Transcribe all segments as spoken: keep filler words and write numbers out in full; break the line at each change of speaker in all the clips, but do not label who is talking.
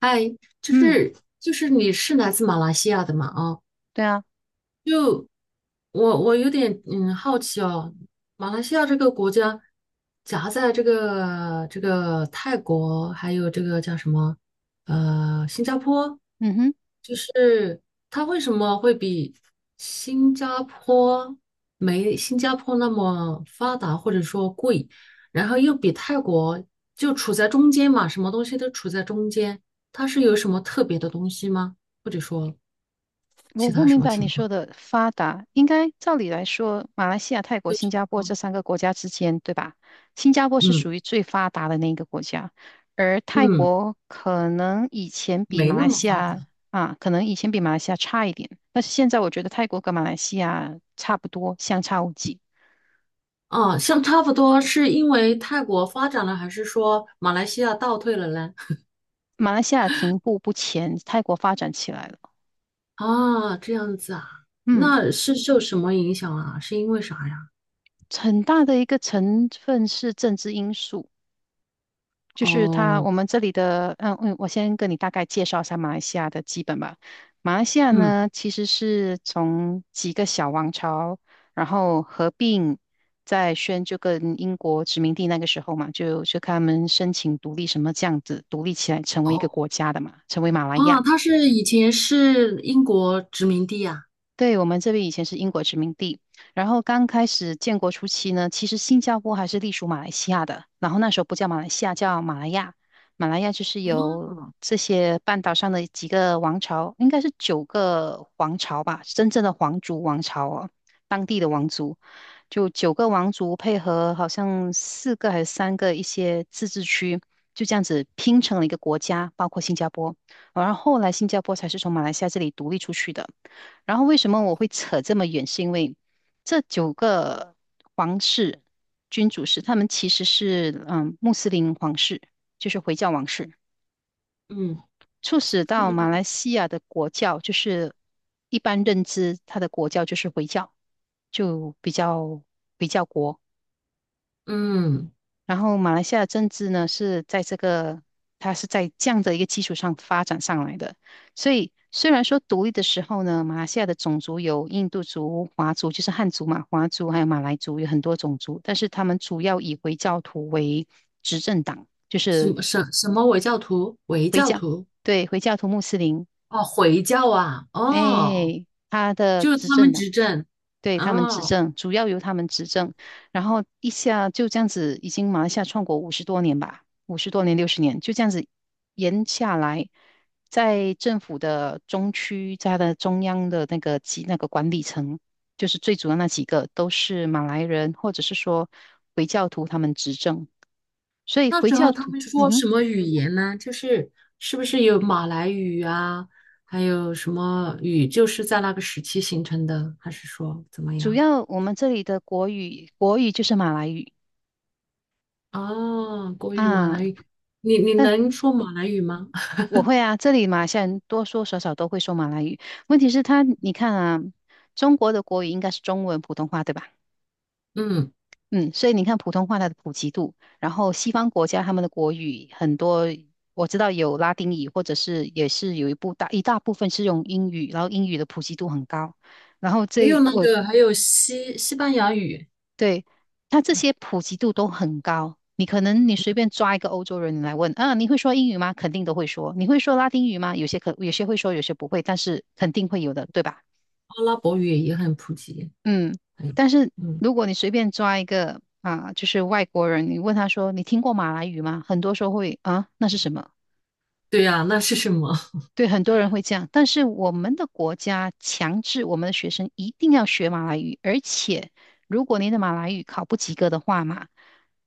哎，就
嗯，
是就是你是来自马来西亚的嘛？
对啊，
不。我我有点嗯好奇哦，马来西亚这个国家夹在这个这个泰国还有这个叫什么呃新加坡，
嗯哼，
就是它为什么会比新加坡没新加坡那么发达或者说贵，然后又比泰国就处在中间嘛，什么东西都处在中间，它是有什么特别的东西吗？或者说
我
其
不
他什
明
么
白你
情况？
说的发达，应该照理来说，马来西亚、泰国、新加坡这三个国家之间，对吧？新加坡是
嗯
属于最发达的那一个国家，而泰
嗯。
国可能以前比
没
马
那
来
么
西
发达
亚啊，可能以前比马来西亚差一点，但是现在我觉得泰国跟马来西亚差不多，相差无几。
啊，像差不多，是因为泰国发展了，还是说马来西亚倒退了嘞？
马来西亚停步不前，泰国发展起来了。
啊，这样子啊，
嗯，
那是受什么影响啊？是因为啥呀？
很大的一个成分是政治因素。就是他，
哦，
我们这里的，嗯嗯，我先跟你大概介绍一下马来西亚的基本吧。马来西亚
嗯，
呢，其实是从几个小王朝，然后合并，在宣就跟英国殖民地那个时候嘛，就就看他们申请独立什么这样子，独立起来成为一个
哦，
国家的嘛，成为马来
啊，
亚。
他是以前是英国殖民地呀、
对，我们这边以前是英国殖民地，然后刚开始建国初期呢，其实新加坡还是隶属马来西亚的，然后那时候不叫马来西亚，叫马来亚。马来亚就是
哦，
由这些半岛上的几个王朝，应该是九个王朝吧，真正的皇族王朝哦，当地的王族，就九个王族配合好像四个还是三个一些自治区，就这样子拼成了一个国家，包括新加坡。然后后来新加坡才是从马来西亚这里独立出去的。然后为什么我会扯这么远？是因为这九个皇室君主是他们其实是嗯穆斯林皇室，就是回教王室，
嗯
促使到马来西亚的国教就是一般认知，它的国教就是回教，就比较比较国。
嗯，
然后马来西亚的政治呢，是在这个，它是在这样的一个基础上发展上来的。所以虽然说独立的时候呢，马来西亚的种族有印度族、华族，就是汉族嘛，华族还有马来族，有很多种族，但是他们主要以回教徒为执政党，就
什
是
么什什么回教徒？回教徒？
对回教徒、穆斯林
哦，回教啊，哦，
哎，他的
就是
执
他
政
们
的，
执政，
对，他们执
哦。
政，主要由他们执政，然后一下就这样子，已经马来西亚创国五十多年吧，五十多年、六十年，就这样子延下来，在政府的中区，在它的中央的那个级那个管理层，就是最主要那几个都是马来人，或者是说回教徒他们执政，所以
那
回
时候
教
他
徒，
们
嗯
说
哼，
什么语言呢？就是是不是有马来语啊，还有什么语，就是在那个时期形成的，还是说怎么
主
样？
要我们这里的国语，国语就是马来语。
哦，国语、马
啊，
来语，你你
但
能说马来语吗？
我会啊，这里马来西亚人多多少少都会说马来语。问题是他，你看啊，中国的国语应该是中文、普通话，对吧？
嗯，
嗯，所以你看普通话它的普及度，然后西方国家他们的国语很多，我知道有拉丁语，或者是也是有一部大一大部分是用英语，然后英语的普及度很高。然后
还有
这
那
我
个，还有西西班牙语、
对，它这些普及度都很高。你可能你随便抓一个欧洲人你来问，啊，你会说英语吗？肯定都会说。你会说拉丁语吗？有些可有些会说，有些不会，但是肯定会有的，对吧？
阿拉伯语也很普及。
嗯，
哎，
但是
嗯，
如果你随便抓一个啊，就是外国人，你问他说你听过马来语吗？很多时候会啊，那是什么？
对呀，那是什么？
对，很多人会这样。但是我们的国家强制我们的学生一定要学马来语，而且如果你的马来语考不及格的话嘛，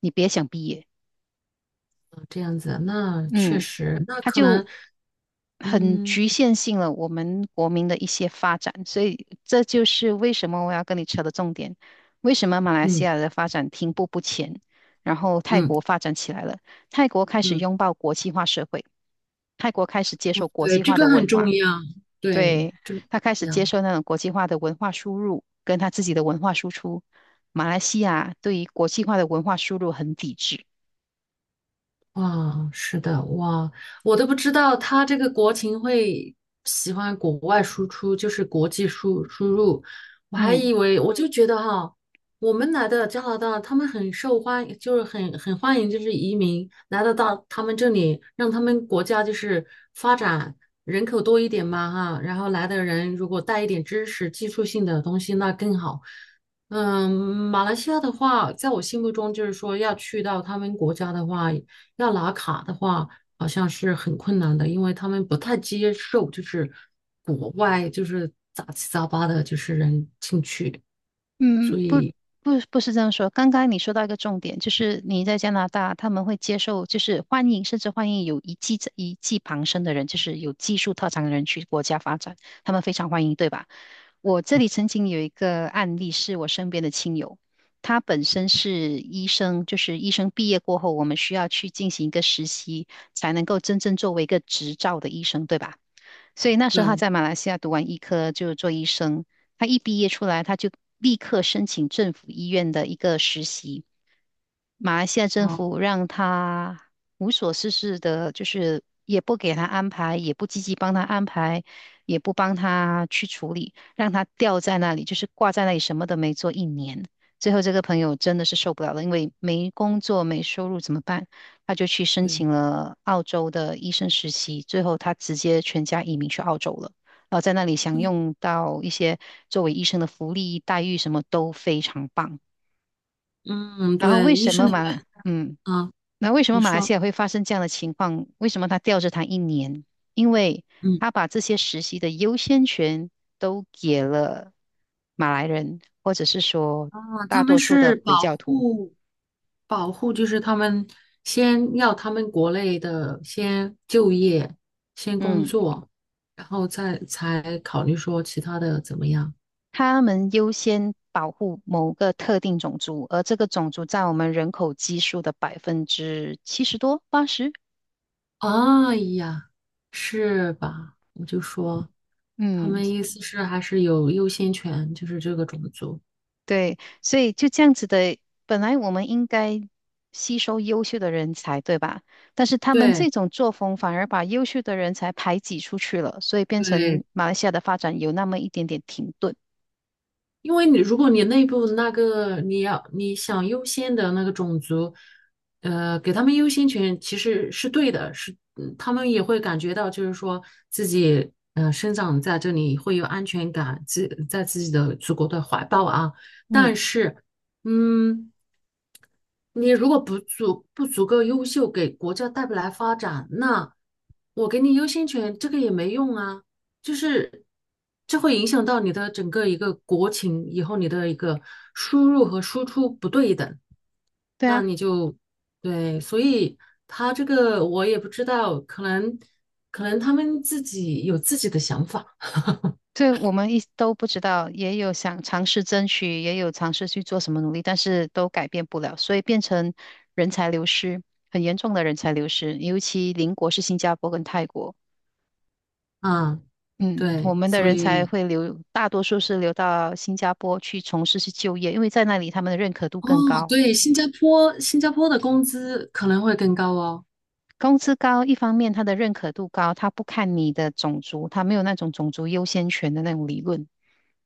你别想毕业。
这样子，那确
嗯，
实，那
它
可
就
能，
很
嗯
局限性了我们国民的一些发展，所以这就是为什么我要跟你扯的重点，为什么马来西
嗯
亚的发展停步不前，然后泰
嗯
国发展起来了，泰国开始
嗯，
拥抱国际化社会，泰国开始接受国
对，
际
这
化的
个
文
很重
化，
要，对，
对，
这个很
他开始
重
接
要。
受那种国际化的文化输入，跟他自己的文化输出，马来西亚对于国际化的文化输入很抵制，
哇，是的，哇，我都不知道他这个国情会喜欢国外输出，就是国际输输入，我还
嗯。
以为我就觉得哈，我们来的加拿大，他们很受欢迎，就是很很欢迎，就是移民来得到他们这里，让他们国家就是发展人口多一点嘛哈，然后来的人如果带一点知识、技术性的东西，那更好。嗯，马来西亚的话，在我心目中就是说要去到他们国家的话。要拿卡的话，好像是很困难的，因为他们不太接受，就是国外就是杂七杂八的，就是人进去。
嗯，不不不是这样说。刚刚你说到一个重点，就是你在加拿大，他们会接受，就是欢迎，甚至欢迎有一技一技傍身的人，就是有技术特长的人去国家发展，他们非常欢迎，对吧？我这里曾经有一个案例，是我身边的亲友，他本身是医生，就是医生毕业过后，我们需要去进行一个实习，才能够真正作为一个执照的医生，对吧？所以那时候他
对，
在马来西亚读完医科就做医生，他一毕业出来，他就立刻申请政府医院的一个实习，马来西亚政府
好，
让他无所事事的，就是也不给他安排，也不积极帮他安排，也不帮他去处理，让他吊在那里，就是挂在那里，什么都没做一年。最后这个朋友真的是受不了了，因为没工作、没收入怎么办？他就去申
对，
请了澳洲的医生实习，最后他直接全家移民去澳洲了，然后在那里享
嗯
用到一些作为医生的福利待遇，什么都非常棒。
嗯，
然后为
对，医
什
生
么
的话
嘛？嗯。
啊，
那为什
你
么马来
说，
西亚会发生这样的情况？为什么他吊着他一年？因为
嗯，
他把这些实习的优先权都给了马来人，或者是说
啊，他
大
们
多数的
是
回
保
教徒。
护保护，就是他们先要他们国内的先就业，先工
嗯，
作，然后再才考虑说其他的怎么样。
他们优先保护某个特定种族，而这个种族占我们人口基数的百分之七十多、八十。
哎呀，是吧？我就说，他
嗯，
们意思是还是有优先权，就是这个种族。
对，所以就这样子的，本来我们应该吸收优秀的人才，对吧？但是他们这
对
种作风反而把优秀的人才排挤出去了，所以变
对，
成马来西亚的发展有那么一点点停顿。
因为你如果你内部那个你要你想优先的那个种族，呃，给他们优先权其实是对的，是嗯他们也会感觉到，就是说自己呃生长在这里会有安全感，自在自己的祖国的怀抱啊。
嗯，
但是，嗯。你如果不足不足够优秀，给国家带不来发展，那我给你优先权，这个也没用啊。就是这会影响到你的整个一个国情，以后你的一个输入和输出不对等，
对
那
啊，
你就对。所以他这个我也不知道，可能可能他们自己有自己的想法
对我们一都不知道，也有想尝试争取，也有尝试去做什么努力，但是都改变不了，所以变成人才流失，很严重的人才流失，尤其邻国是新加坡跟泰国。
啊。
嗯，我
对，
们的
所
人才
以
会留，大多数是留到新加坡去从事去就业，因为在那里他们的认可度
哦，
更高，
对，新加坡新加坡的工资可能会更高哦。
工资高，一方面他的认可度高，他不看你的种族，他没有那种种族优先权的那种理论。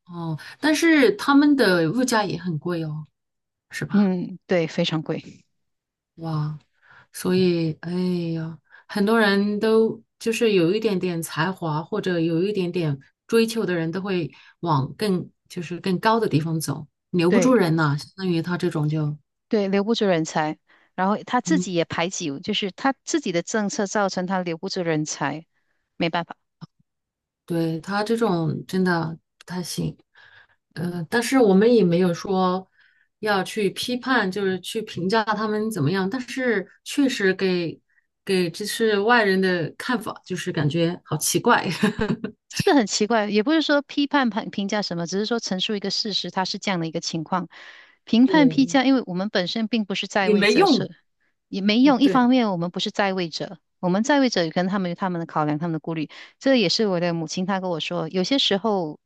哦，但是他们的物价也很贵哦，是吧？
嗯，对，非常贵，
哇，所以，哎呀，很多人都就是有一点点才华或者有一点点追求的人，都会往更就是更高的地方走，留不住
对
人呐、相当于他这种就，
对，留不住人才，然后他自
嗯
己也排挤，就是他自己的政策造成他留不住人才，没办法。
对，他这种真的不太行。呃，但是我们也没有说要去批判，就是去评价他们怎么样。但是确实给给就是外人的看法，就是感觉好奇怪，
这很奇怪，也不是说批判判评价什么，只是说陈述一个事实，它是这样的一个情况。评判批
对，
价，因为我们本身并不是在
也
位
没
者，
用。
是也没用。一方
对，
面，我们不是在位者，我们在位者可能他们有他们的考量，他们的顾虑。这也是我的母亲她跟我说，有些时候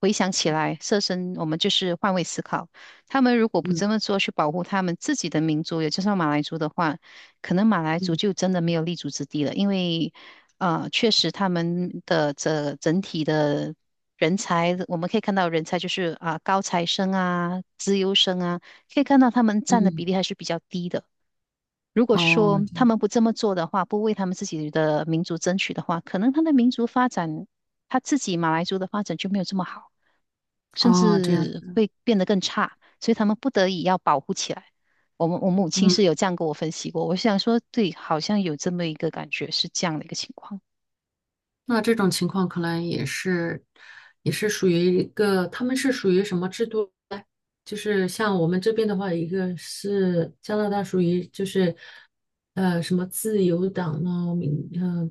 回想起来，设身我们就是换位思考。他们如果不
嗯
这么做去保护他们自己的民族，也就是马来族的话，可能马来族
嗯
就真的没有立足之地了，因为。啊，确实他们的这整体的人才，我们可以看到人才就是啊高材生啊、资优生啊，可以看到他们占的比
嗯，
例还是比较低的。如果
哦
说
这
他
样
们不这么做的话，不为他们自己的民族争取的话，可能他的民族发展，他自己马来族的发展就没有这么好，甚
哦这样，
至会变得更差，所以他们不得已要保护起来。我们我母亲
嗯。
是有这样跟我分析过，我想说，对，好像有这么一个感觉，是这样的一个情况。
那这种情况可能也是，也是属于一个，他们是属于什么制度呢？就是像我们这边的话，一个是加拿大属于就是呃什么自由党呢，民呃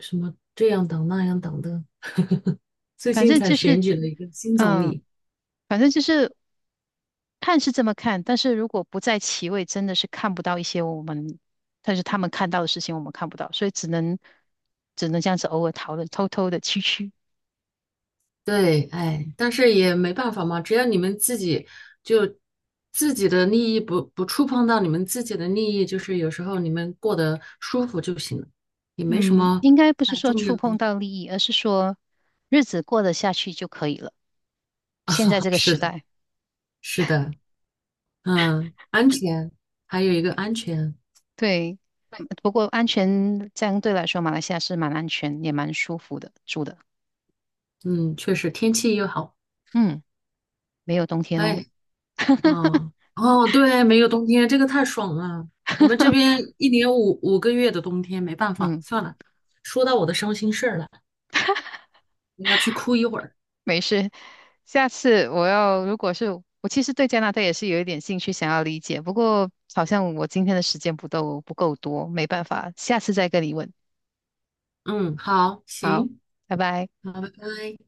什么这样党那样党的，最
反
近
正
才
就是，
选举了一个新总
嗯，
理。
反正就是看是这么看，但是如果不在其位，真的是看不到一些我们，但是他们看到的事情我们看不到，所以只能只能这样子偶尔讨论，偷偷的蛐蛐。
对，哎，但是也没办法嘛，只要你们自己就自己的利益不不触碰到你们自己的利益，就是有时候你们过得舒服就行了，也没什
嗯，
么
应该不是
太
说
重要
触碰
的。
到利益，而是说日子过得下去就可以了。现在这 个
是
时
的，
代，
是的，嗯，安全，还有一个安全，
对，嗯不过安全相对来说，马来西亚是蛮安全，也蛮舒服的住的。
嗯，确实天气又好，
嗯，没有冬天哦。
哎，嗯，哦，对，没有冬天，这个太爽了。我们这边 一年五五个月的冬天，没办法，
嗯。
算了，说到我的伤心事儿了，我要去哭一会儿。
没事，下次我要，如果是我其实对加拿大也是有一点兴趣，想要理解，不过好像我今天的时间不够不够多，没办法，下次再跟你问。
嗯，好，
好，
行，
拜拜。
好，拜拜。